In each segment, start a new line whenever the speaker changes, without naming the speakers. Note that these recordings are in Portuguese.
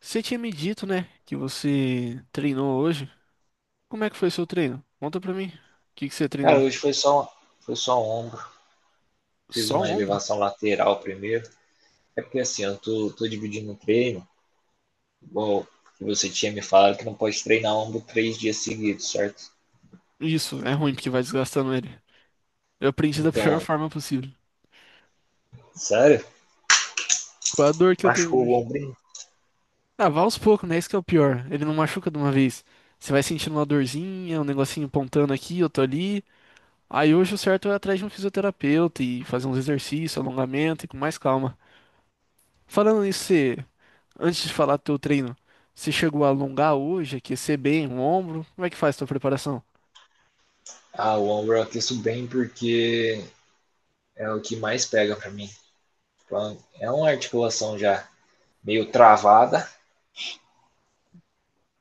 Você tinha me dito, né, que você treinou hoje. Como é que foi seu treino? Conta pra mim. O que que você
Cara,
treinou?
hoje foi só, foi só um ombro. Fiz
Só o
uma
ombro?
elevação lateral primeiro. É porque assim, eu tô dividindo o treino, igual que você tinha me falado que não pode treinar ombro três dias seguidos, certo?
Isso, é ruim porque vai desgastando ele. Eu aprendi da pior
Então,
forma possível.
sério?
Com a dor que eu tenho
Machucou o
hoje.
ombro?
Ah, vá aos poucos, né? Isso que é o pior. Ele não machuca de uma vez. Você vai sentindo uma dorzinha, um negocinho pontando aqui, outro ali. Aí hoje o certo é ir atrás de um fisioterapeuta e fazer uns exercícios, alongamento e com mais calma. Falando nisso, você Antes de falar do teu treino, você chegou a alongar hoje, aquecer bem o ombro? Como é que faz a tua preparação?
Ah, o ombro eu aqueço bem porque é o que mais pega pra mim. Então, é uma articulação já meio travada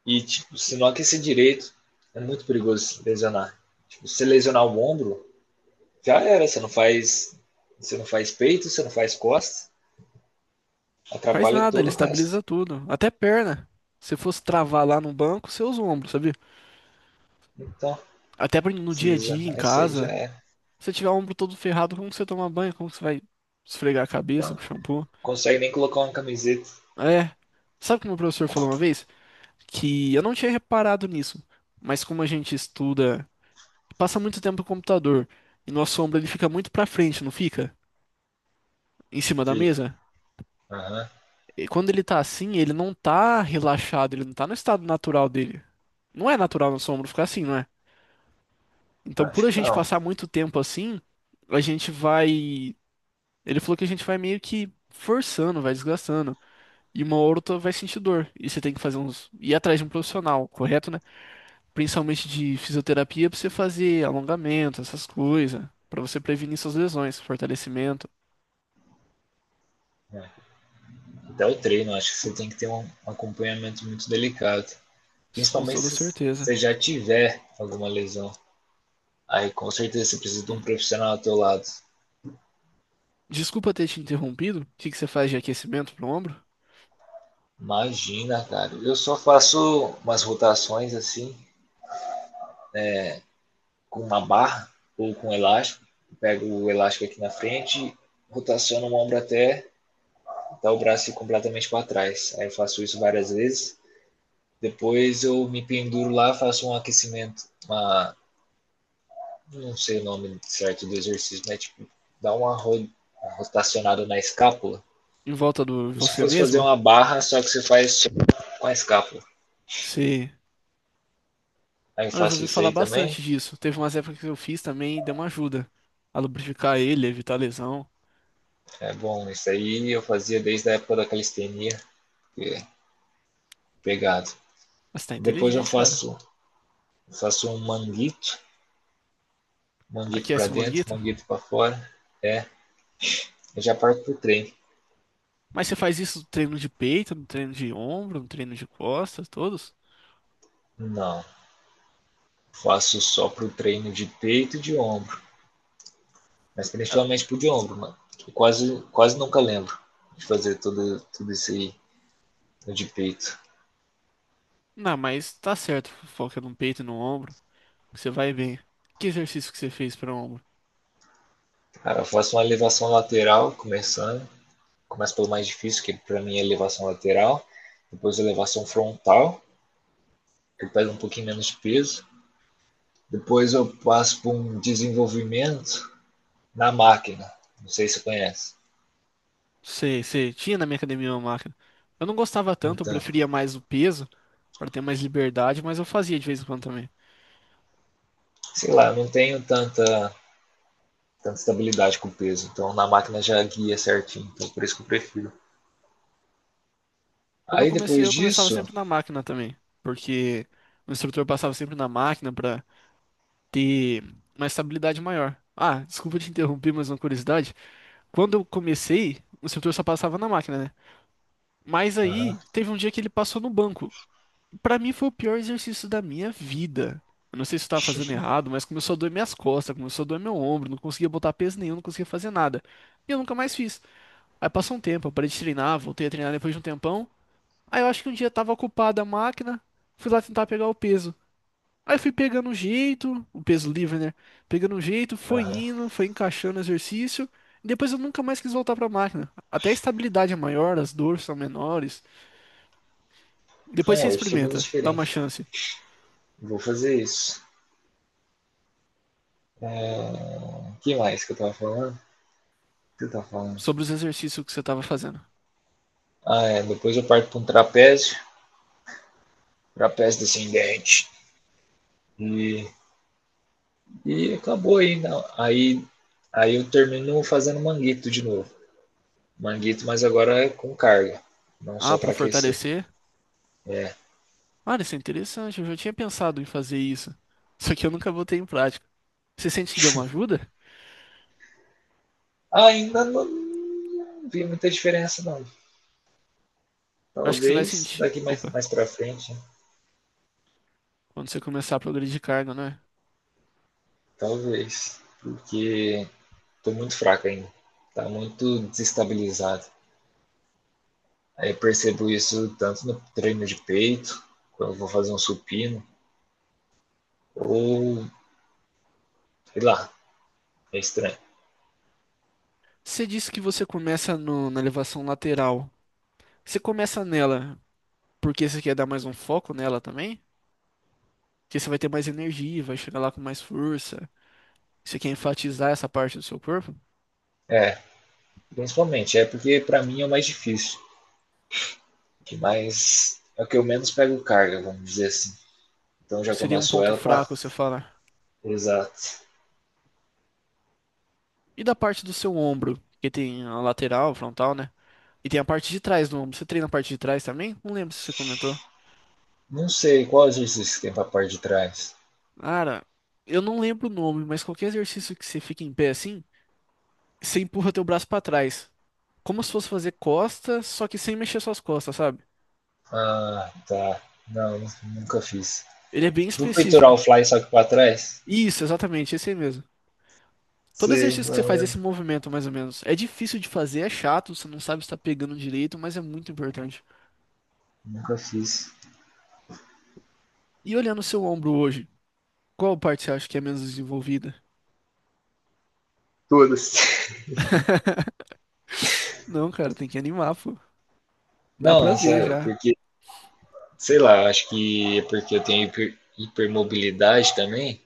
e, tipo, se não aquecer direito, é muito perigoso lesionar. Tipo, se lesionar o ombro, já era. Você não faz peito, você não faz costas,
Faz
atrapalha
nada, ele
todo o resto.
estabiliza tudo, até perna. Se fosse travar lá no banco, você usa o ombro, sabia?
Então,
Até pra- no
se
dia a dia, em
lesionar isso aí já
casa.
era.
Se você tiver o ombro todo ferrado, como que você toma banho? Como que você vai esfregar a cabeça
Então,
com shampoo?
consegue nem colocar uma camiseta.
É. Sabe o que meu professor falou uma vez? Que eu não tinha reparado nisso, mas como a gente estuda, passa muito tempo no computador e nosso ombro ele fica muito pra frente, não fica? Em cima da
Fica.
mesa?
Aham.
E quando ele tá assim, ele não tá relaxado, ele não tá no estado natural dele. Não é natural nosso ombro ficar assim, não é?
Uhum.
Então, por
Acho
a
que
gente
não.
passar muito tempo assim, a gente vai. Ele falou que a gente vai meio que forçando, vai desgastando. E uma hora ou outra vai sentir dor. E você tem que fazer uns. Ir atrás de um profissional, correto, né? Principalmente de fisioterapia, pra você fazer alongamento, essas coisas. Pra você prevenir suas lesões, fortalecimento.
É. Até o treino, acho que você tem que ter um acompanhamento muito delicado.
Isso com
Principalmente
toda
se
certeza.
você já tiver alguma lesão. Aí com certeza você precisa de um
Hum.
profissional ao teu lado.
Desculpa ter te interrompido. O que que você faz de aquecimento pro ombro?
Imagina, cara. Eu só faço umas rotações assim, com uma barra ou com um elástico. Pego o elástico aqui na frente, rotaciono o ombro até o braço ir completamente para trás. Aí eu faço isso várias vezes. Depois eu me penduro lá, faço um aquecimento, não sei o nome certo do exercício, mas tipo, dá uma, ro uma rotacionada na escápula,
Em volta do
como se
você
fosse fazer
mesmo,
uma barra, só que você faz com a escápula.
você.
Aí eu
Olha, eu já
faço
ouvi
isso
falar
aí também.
bastante disso. Teve umas épocas que eu fiz também e deu uma ajuda a lubrificar ele, evitar lesão.
É bom, isso aí eu fazia desde a época da calistenia, que é pegado.
Mas tá
Depois eu
inteligente, cara.
faço um manguito, manguito para
Aquece o
dentro,
manguito.
manguito para fora, é, eu já parto pro treino.
Mas você faz isso no treino de peito, no treino de ombro, no treino de costas, todos?
Não, faço só pro treino de peito e de ombro, mas
Ah,
principalmente pro de ombro, mano. Eu quase nunca lembro de fazer tudo isso aí no de peito.
não, mas tá certo. Foca no peito e no ombro. Que você vai bem. Que exercício que você fez para ombro?
Cara, eu faço uma elevação lateral, começo pelo mais difícil, que para mim é elevação lateral, depois elevação frontal, que pega um pouquinho menos de peso, depois eu passo por um desenvolvimento na máquina, não sei se você conhece.
Você tinha na minha academia uma máquina. Eu não gostava tanto, eu
Então,
preferia mais o peso, para ter mais liberdade, mas eu fazia de vez em quando também.
sei lá, eu não tenho tanta estabilidade com o peso, então na máquina já guia certinho, então por isso que eu prefiro.
Quando eu
Aí
comecei,
depois
eu começava
disso,
sempre na máquina também, porque o instrutor passava sempre na máquina pra ter uma estabilidade maior. Ah, desculpa te interromper, mas uma curiosidade. Quando eu comecei, o instrutor só passava na máquina, né? Mas
aham,
aí teve um dia que ele passou no banco. Pra mim foi o pior exercício da minha vida. Eu não sei se eu tava fazendo errado, mas começou a doer minhas costas, começou a doer meu ombro, não conseguia botar peso nenhum, não conseguia fazer nada. E eu nunca mais fiz. Aí passou um tempo, eu parei de treinar, voltei a treinar depois de um tempão. Aí eu acho que um dia tava ocupada a máquina, fui lá tentar pegar o peso. Aí fui pegando um jeito, o peso livre, né? Pegando um jeito, foi
aham.
indo, foi encaixando o exercício. E depois eu nunca mais quis voltar pra máquina. Até a estabilidade é maior, as dores são menores. Depois
É,
você
o estímulo é
experimenta, dá uma
diferente.
chance
Vou fazer isso. É, que mais que eu tava falando? O que eu tava falando?
sobre os exercícios que você tava fazendo.
Ah, é, depois eu parto para um trapézio, trapézio descendente. E, e acabou aí, não. Aí eu termino fazendo manguito de novo. Manguito, mas agora é com carga, não
Ah,
só
pra
para aquecer.
fortalecer?
É,
Olha, isso é interessante, eu já tinha pensado em fazer isso. Só que eu nunca botei em prática. Você sente que deu uma ajuda?
ainda não, não vi muita diferença, não.
Eu acho que você vai
Talvez
sentir.
daqui
Opa,
mais pra frente, né?
quando você começar a progredir de carga, né?
Talvez. Porque tô muito fraco ainda. Tá muito desestabilizado. Aí eu percebo isso tanto no treino de peito, quando eu vou fazer um supino, ou sei lá, é estranho.
Você disse que você começa no- na elevação lateral. Você começa nela porque você quer dar mais um foco nela também? Porque você vai ter mais energia, vai chegar lá com mais força. Você quer enfatizar essa parte do seu corpo?
É, principalmente, é porque pra mim é o mais difícil. Que mais é o que eu menos pego carga, vamos dizer assim. Então já
Seria um
começo
ponto
ela pra.
fraco, você fala.
Exato.
E da parte do seu ombro, que tem a lateral, frontal, né? E tem a parte de trás do ombro. Você treina a parte de trás também? Não lembro se você comentou.
Não sei qual exercício que tem pra parte de trás.
Cara, eu não lembro o nome, mas qualquer exercício que você fique em pé assim, você empurra teu braço pra trás. Como se fosse fazer costas, só que sem mexer suas costas, sabe?
Ah, tá. Não, nunca fiz.
Ele é bem
Tipo um peitoral o
específico.
fly, só que pra trás?
Isso, exatamente, esse aí mesmo. Todo
Sei,
exercício que você
não,
faz, esse
mano.
movimento, mais ou menos, é difícil de fazer, é chato, você não sabe se tá pegando direito, mas é muito importante.
Nunca fiz.
E olhando o seu ombro hoje, qual parte você acha que é menos desenvolvida?
Todas.
Não, cara, tem que animar, pô. Dá
Não,
pra
é
ver
sério,
já.
porque, sei lá, acho que é porque eu tenho hipermobilidade também.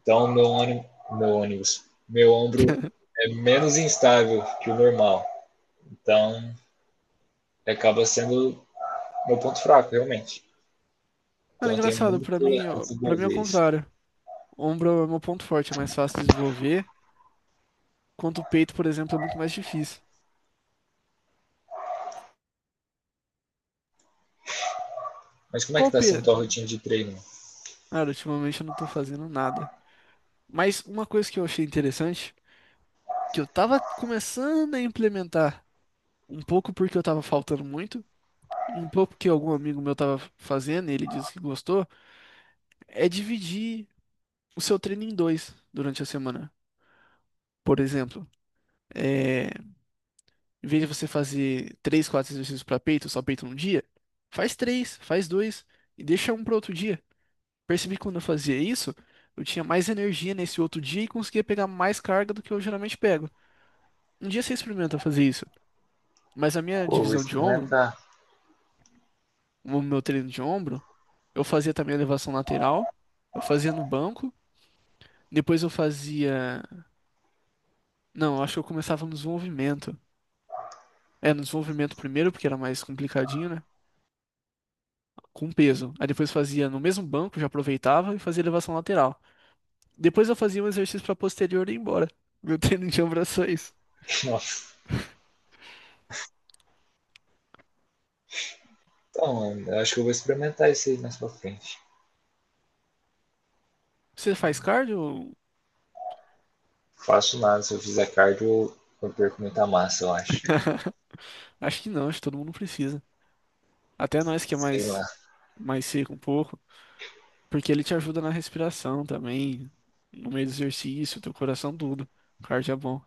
Então, meu ombro é menos instável que o normal. Então, acaba sendo meu ponto fraco, realmente.
Mano,
Então,
é
eu tenho
engraçado,
muito
pra mim,
a
ó, pra mim é o
desenvolver isso.
contrário. Ombro é o meu ponto forte, é mais fácil de desenvolver, enquanto o peito, por exemplo, é muito mais difícil.
Mas como é
Qual
que
o
tá
pe...
sendo tua rotina de treino?
Cara, ultimamente eu não tô fazendo nada. Mas uma coisa que eu achei interessante que eu tava começando a implementar. Um pouco porque eu tava faltando muito, e um pouco porque algum amigo meu tava fazendo e ele disse que gostou, é dividir o seu treino em dois durante a semana. Por exemplo, é, em vez de você fazer três, quatro exercícios para peito, só peito num dia, faz três, faz dois e deixa um para outro dia. Percebi que quando eu fazia isso, eu tinha mais energia nesse outro dia e conseguia pegar mais carga do que eu geralmente pego. Um dia você experimenta fazer isso, mas a minha
Pô, vou
divisão de ombro,
experimentar.
o meu treino de ombro, eu fazia também a elevação lateral. Eu fazia no banco. Depois eu fazia. Não, eu acho que eu começava no desenvolvimento. É, no desenvolvimento primeiro, porque era mais complicadinho, né? Com peso. Aí depois fazia no mesmo banco, já aproveitava e fazia elevação lateral. Depois eu fazia um exercício pra posterior e ia embora. Meu treino de ombro é isso.
Nossa. Então, eu acho que eu vou experimentar isso aí mais pra frente.
Você faz cardio?
Faço nada, se eu fizer cardio, eu perco muita massa, eu acho.
Acho que não, acho que todo mundo precisa. Até nós que é
Sei lá.
mais, mais seco um pouco. Porque ele te ajuda na respiração também, no meio do exercício, teu coração, tudo. O cardio é bom.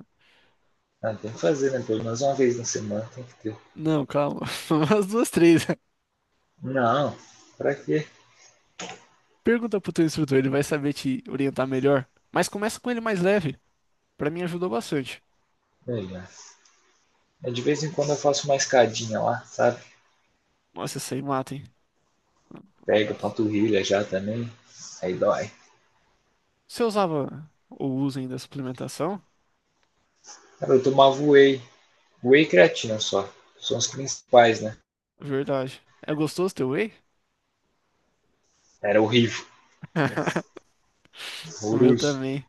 Ah, tem que fazer, né? Pelo menos uma vez na semana tem que ter.
Não, calma. As duas, três.
Não, pra quê?
Pergunta pro teu instrutor, ele vai saber te orientar melhor. Mas começa com ele mais leve. Pra mim ajudou bastante.
Melhor. É, de vez em quando eu faço uma escadinha lá, sabe?
Nossa, isso aí mata, hein?
Pega a panturrilha já também, aí dói.
Você usava ou usa ainda suplementação?
Cara, eu tomava whey e creatina só. São os principais, né?
Verdade. É gostoso teu whey?
Era horrível,
O meu
horroroso.
também.